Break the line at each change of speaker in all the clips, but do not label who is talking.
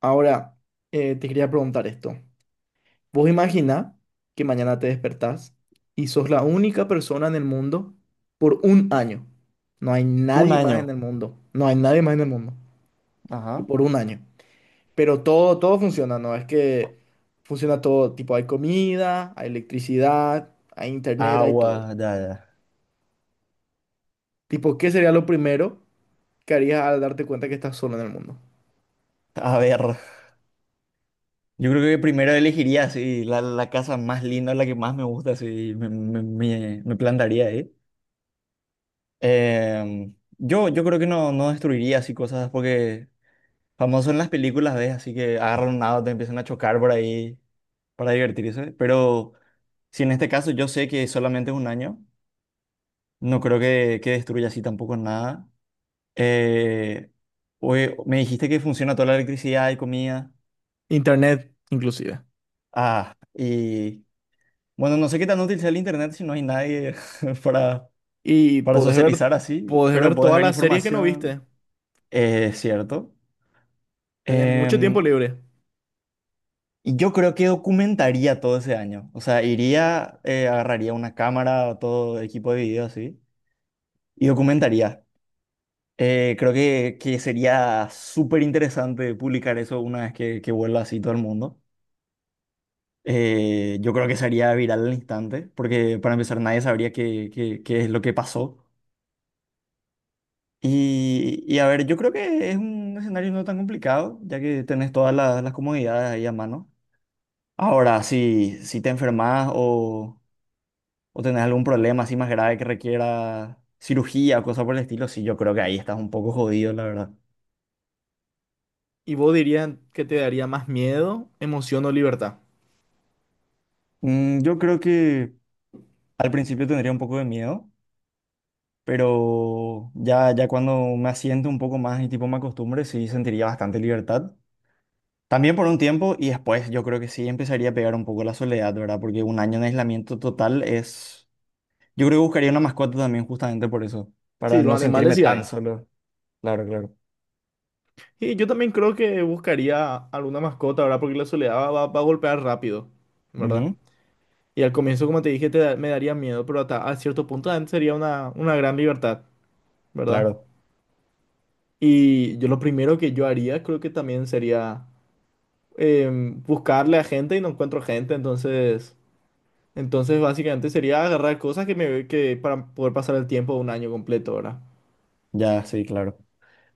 Ahora, te quería preguntar esto. Vos imagina que mañana te despertás y sos la única persona en el mundo por un año. No hay
Un
nadie más en
año.
el mundo. No hay nadie más en el mundo. Y
Ajá.
por un año. Pero todo funciona, ¿no? Es que funciona todo. Tipo, hay comida, hay electricidad, hay internet, hay todo.
Agua, ya, ya.
Tipo, ¿qué sería lo primero que harías al darte cuenta que estás solo en el mundo?
A ver, yo creo que primero elegiría sí, la casa más linda, la que más me gusta, sí, me plantaría ahí. Yo creo que no, no destruiría así cosas porque famoso en las películas, ¿ves? Así que agarran un auto, empiezan a chocar por ahí para divertirse. Pero si en este caso yo sé que solamente es un año, no creo que destruya así tampoco nada. Eh, oye, me dijiste que funciona toda la electricidad y comida.
Internet, inclusive.
Ah, y bueno, no sé qué tan útil sea el internet si no hay nadie para,
Y
para
podés ver,
socializar así,
Podés
pero
ver
podés
todas
ver
las series que no viste.
información, es cierto.
Tenés mucho tiempo
Em,
libre.
y yo creo que documentaría todo ese año. O sea, iría, agarraría una cámara o todo equipo de video así y documentaría. Creo que sería súper interesante publicar eso una vez que vuelva así todo el mundo. Yo creo que sería viral al instante, porque para empezar nadie sabría qué, qué, qué es lo que pasó. Y a ver, yo creo que es un escenario no tan complicado, ya que tenés todas las comodidades ahí a mano. Ahora, si te enfermas o tenés algún problema así más grave que requiera cirugía o cosas por el estilo, sí, yo creo que ahí estás un poco jodido, la verdad.
¿Y vos dirías que te daría más miedo, emoción o libertad?
Mm, yo creo que al principio tendría un poco de miedo, pero ya, ya cuando me asiento un poco más y tipo me acostumbre, sí sentiría bastante libertad. También por un tiempo y después yo creo que sí empezaría a pegar un poco la soledad, ¿verdad? Porque un año en aislamiento total es… Yo creo que buscaría una mascota también justamente por eso,
Sí,
para
los
no
animales
sentirme
sí
tan
hay.
solo. Claro, claro.
Y yo también creo que buscaría alguna mascota, ¿verdad? Porque la soledad va a golpear rápido, ¿verdad?
Ujú.
Y al comienzo, como te dije, me daría miedo, pero hasta a cierto punto también sería una, gran libertad, ¿verdad?
Claro,
Y yo lo primero que yo haría creo que también sería buscarle a gente y no encuentro gente, entonces... Entonces, básicamente sería agarrar cosas que para poder pasar el tiempo de un año completo, ¿verdad?
ya, sí, claro.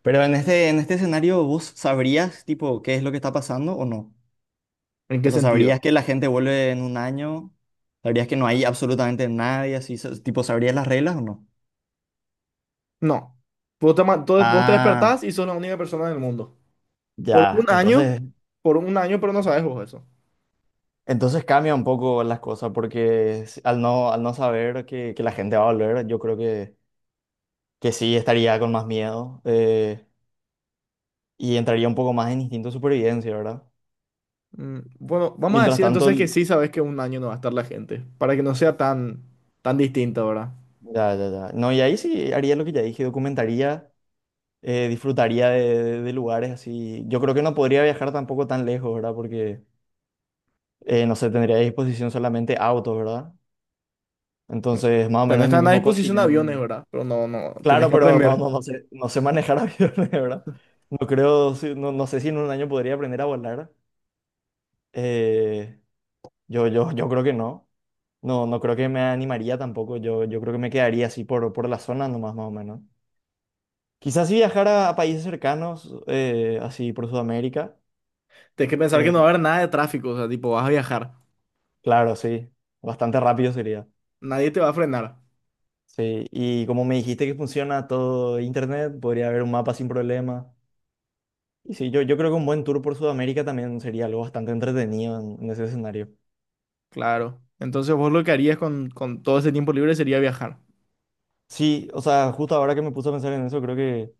Pero en este escenario, ¿vos sabrías, tipo, qué es lo que está pasando o no?
¿En qué
O sea,
sentido?
¿sabrías que la gente vuelve en un año? ¿Sabrías que no hay absolutamente nadie así? Sa- Tipo, ¿sabrías las reglas o no?
No. Vos te
Ah,
despertás y sos la única persona del mundo. Por
ya,
un año,
entonces
por un año, pero no sabes vos eso.
entonces cambia un poco las cosas porque s- al no saber que la gente va a volver, yo creo que sí estaría con más miedo, y entraría un poco más en instinto de supervivencia, ¿verdad?
Bueno, vamos a
Mientras
decir
tanto,
entonces que
l-
sí sabes que un año no va a estar la gente, para que no sea tan distinto, ¿verdad?
ya, ya, ya. No, y ahí sí haría lo que ya dije, documentaría, disfrutaría de, de lugares así. Yo creo que no podría viajar tampoco tan lejos, ¿verdad? Porque, no sé, tendría a disposición solamente autos, ¿verdad?
Mm.
Entonces, más o
Tenés
menos en mi
Están a
mismo
disposición aviones,
continente.
¿verdad? Pero no, no, tenés
Claro,
que
pero no,
aprender.
no, no sé, no sé manejar aviones, ¿verdad? No creo, si- no, no sé si en un año podría aprender a volar. Eh, yo creo que no. No, no creo que me animaría tampoco. Yo creo que me quedaría así por la zona nomás, más o menos. Quizás si viajara a países cercanos, así por Sudamérica.
Tenés que pensar que no va
eh,
a haber nada de tráfico, o sea, tipo, vas a viajar.
claro, sí. Bastante rápido sería.
Nadie te va a frenar.
Sí. Y como me dijiste que funciona todo internet, podría haber un mapa sin problema. Y sí, yo creo que un buen tour por Sudamérica también sería algo bastante entretenido en ese escenario.
Claro. Entonces vos lo que harías con todo ese tiempo libre sería viajar.
Sí, o sea, justo ahora que me puse a pensar en eso, creo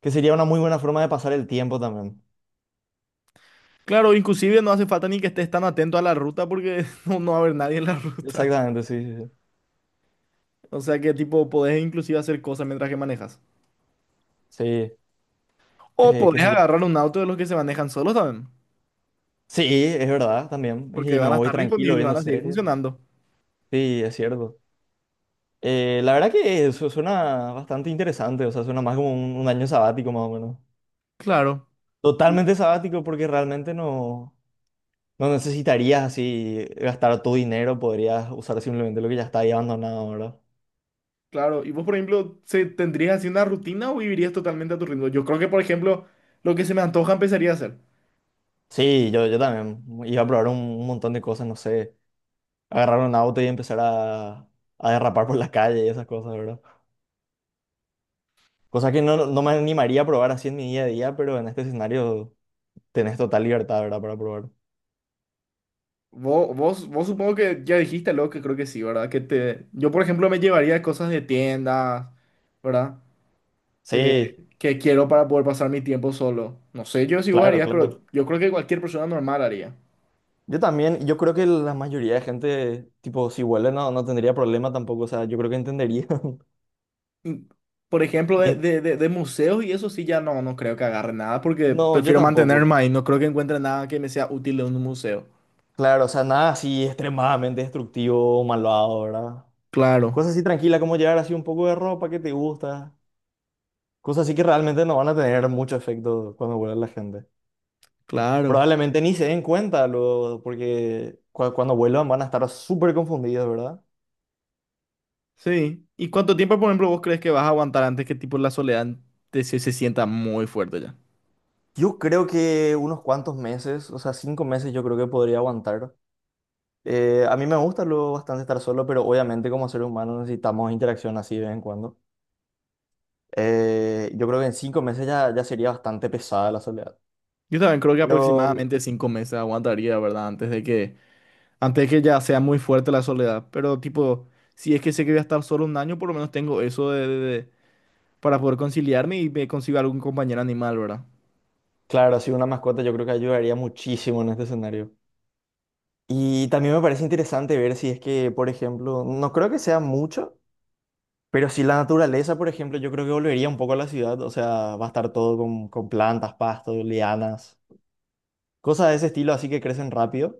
que sería una muy buena forma de pasar el tiempo también.
Claro, inclusive no hace falta ni que estés tan atento a la ruta porque no va a haber nadie en la ruta.
Exactamente, sí, sí, sí.
O sea que tipo, podés inclusive hacer cosas mientras que manejas.
Sí,
O
qué
podés
sé yo.
agarrar un auto de los que se manejan solos también,
Sí, es verdad, también.
porque
Y me
van a
voy
estar
tranquilo
disponibles, van
viendo
a seguir
series.
funcionando.
Sí, es cierto. La verdad que eso suena bastante interesante, o sea, suena más como un año sabático más o menos.
Claro. Y,
Totalmente sabático porque realmente no, no necesitarías así gastar tu dinero, podrías usar simplemente lo que ya está ahí abandonado, ¿verdad?
claro, y vos, por ejemplo, ¿ tendrías así una rutina o vivirías totalmente a tu ritmo? Yo creo que, por ejemplo, lo que se me antoja empezaría a hacer.
Sí, yo también iba a probar un montón de cosas, no sé, agarrar un auto y empezar a derrapar por la calle y esas cosas, ¿verdad? Cosas que no, no me animaría a probar así en mi día a día, pero en este escenario tenés total libertad, ¿verdad? Para probar.
Vos supongo que ya dijiste lo que creo que sí, ¿verdad? Yo, por ejemplo, me llevaría cosas de tiendas, ¿verdad? eh,
Sí,
que quiero para poder pasar mi tiempo solo. No sé yo si vos
claro,
harías,
claro.
pero yo creo que cualquier persona normal haría.
Yo también, yo creo que la mayoría de gente, tipo, si vuelve no, no tendría problema tampoco, o sea, yo creo que entendería.
Y, Por ejemplo, de,
Bien,
de- de- de museos y eso sí ya no, no creo que agarre nada porque
no, yo
prefiero
tampoco.
mantenerme ahí. No creo que encuentre nada que me sea útil de un museo.
Claro, o sea, nada así extremadamente destructivo o malvado, ¿verdad?
Claro,
Cosas así tranquilas como llevar así un poco de ropa que te gusta. Cosas así que realmente no van a tener mucho efecto cuando vuelva la gente.
claro.
Probablemente ni se den cuenta, luego, porque cua- cuando vuelvan van a estar súper confundidos, ¿verdad?
Sí. ¿Y cuánto tiempo, por ejemplo, vos crees que vas a aguantar antes que tipo la soledad se sienta muy fuerte ya?
Yo creo que unos cuantos meses, o sea, 5 meses yo creo que podría aguantar. A mí me gusta luego bastante estar solo, pero obviamente como seres humanos necesitamos interacción así de vez en cuando. Yo creo que en 5 meses ya, ya sería bastante pesada la soledad.
Yo también creo que
Pero
aproximadamente 5 meses aguantaría, ¿verdad? Antes que ya sea muy fuerte la soledad. Pero tipo, si es que sé que voy a estar solo un año, por lo menos tengo eso de, para poder conciliarme y me consigo algún compañero animal, ¿verdad?
claro, sí, una mascota yo creo que ayudaría muchísimo en este escenario. Y también me parece interesante ver si es que, por ejemplo, no creo que sea mucho, pero si la naturaleza, por ejemplo, yo creo que volvería un poco a la ciudad, o sea, va a estar todo con plantas, pastos, lianas, cosas de ese estilo, así que crecen rápido.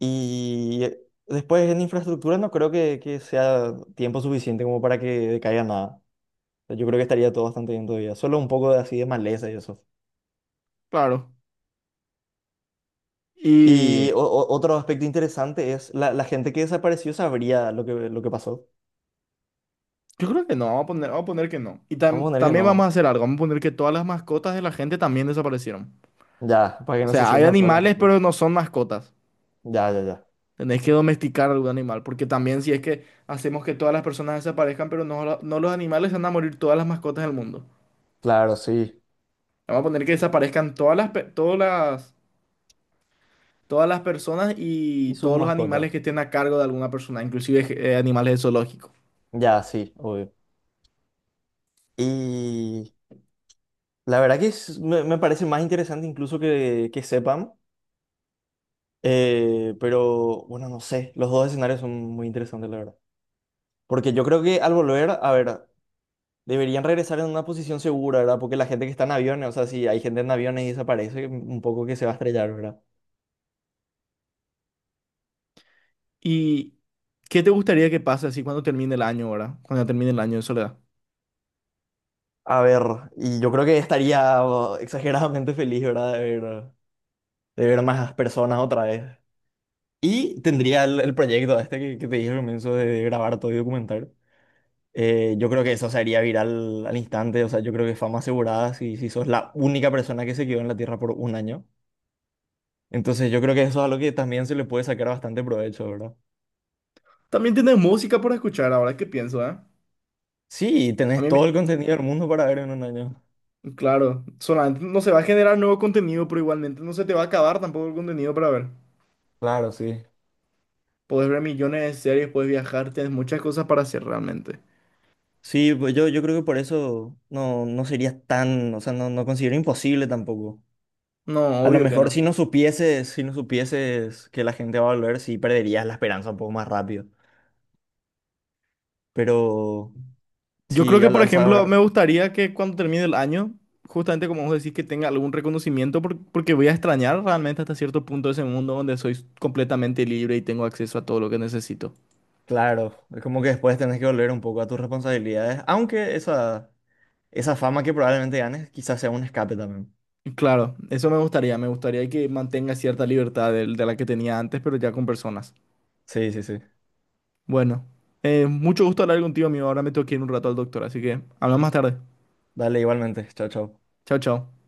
Y después en infraestructura no creo que sea tiempo suficiente como para que decaiga nada. O sea, yo creo que estaría todo bastante bien todavía, solo un poco de así de maleza y eso.
Claro. Y
Y otro aspecto interesante es la, la gente que desapareció sabría lo que pasó.
yo creo que no, vamos a poner, que no. Y
Vamos a
tam-
poner que
también vamos a
no.
hacer algo, vamos a poner que todas las mascotas de la gente también desaparecieron.
Ya, para que
O
no se
sea, hay
sientan solas
animales,
tampoco.
pero no son mascotas.
Ya, ya, ya.
Tenés que domesticar algún animal, porque también si es que hacemos que todas las personas desaparezcan, pero no, no los animales, se van a morir todas las mascotas del mundo.
Claro, sí.
Vamos a poner que desaparezcan todas las, pe- todas las Todas las personas y
Y sus
todos los animales
mascotas.
que estén a cargo de alguna persona, inclusive animales de zoológico.
Ya, sí, obvio. Y la verdad que es- me parece más interesante incluso que sepan. Pero bueno, no sé. Los dos escenarios son muy interesantes, la verdad. Porque yo creo que al volver, a ver, deberían regresar en una posición segura, ¿verdad? Porque la gente que está en aviones, o sea, si hay gente en aviones y desaparece, un poco que se va a estrellar, ¿verdad?
¿Y qué te gustaría que pase así cuando termine el año ahora? Cuando termine el año de soledad.
A ver, y yo creo que estaría oh, exageradamente feliz, ¿verdad? De ver más personas otra vez. Y tendría el proyecto este que te dije al comienzo de grabar todo y documentar. Yo creo que eso se haría viral al instante, o sea, yo creo que fama asegurada si, si sos la única persona que se quedó en la Tierra por un año. Entonces yo creo que eso es algo que también se le puede sacar bastante provecho, ¿verdad?
También tienes música para escuchar ahora que pienso, ¿eh?
Sí,
A
tenés
mí
todo
me...
el contenido del mundo para ver en un año.
Claro, solamente no se va a generar nuevo contenido, pero igualmente no se te va a acabar tampoco el contenido para ver.
Claro, sí.
Puedes ver millones de series, puedes viajar, tienes muchas cosas para hacer realmente.
Sí, pues yo creo que por eso no, no sería tan, o sea, no, no considero imposible tampoco.
No,
A lo
obvio que
mejor
no.
si no supieses, si no supieses que la gente va a volver, sí perderías la esperanza un poco más rápido. Pero
Yo creo
sí,
que,
al,
por
al
ejemplo, me
saber,
gustaría que cuando termine el año, justamente como vos decís, que tenga algún reconocimiento, porque voy a extrañar realmente hasta cierto punto ese mundo donde soy completamente libre y tengo acceso a todo lo que necesito.
claro, es como que después tenés que volver un poco a tus responsabilidades, aunque esa fama que probablemente ganes quizás sea un escape también.
Y claro, eso me gustaría que mantenga cierta libertad de, la que tenía antes, pero ya con personas.
Sí, sí, sí.
Bueno, mucho gusto hablar contigo, amigo. Ahora me tengo que ir un rato al doctor, así que hablamos más tarde.
Dale igualmente. Chao, chao.
Chao, chao.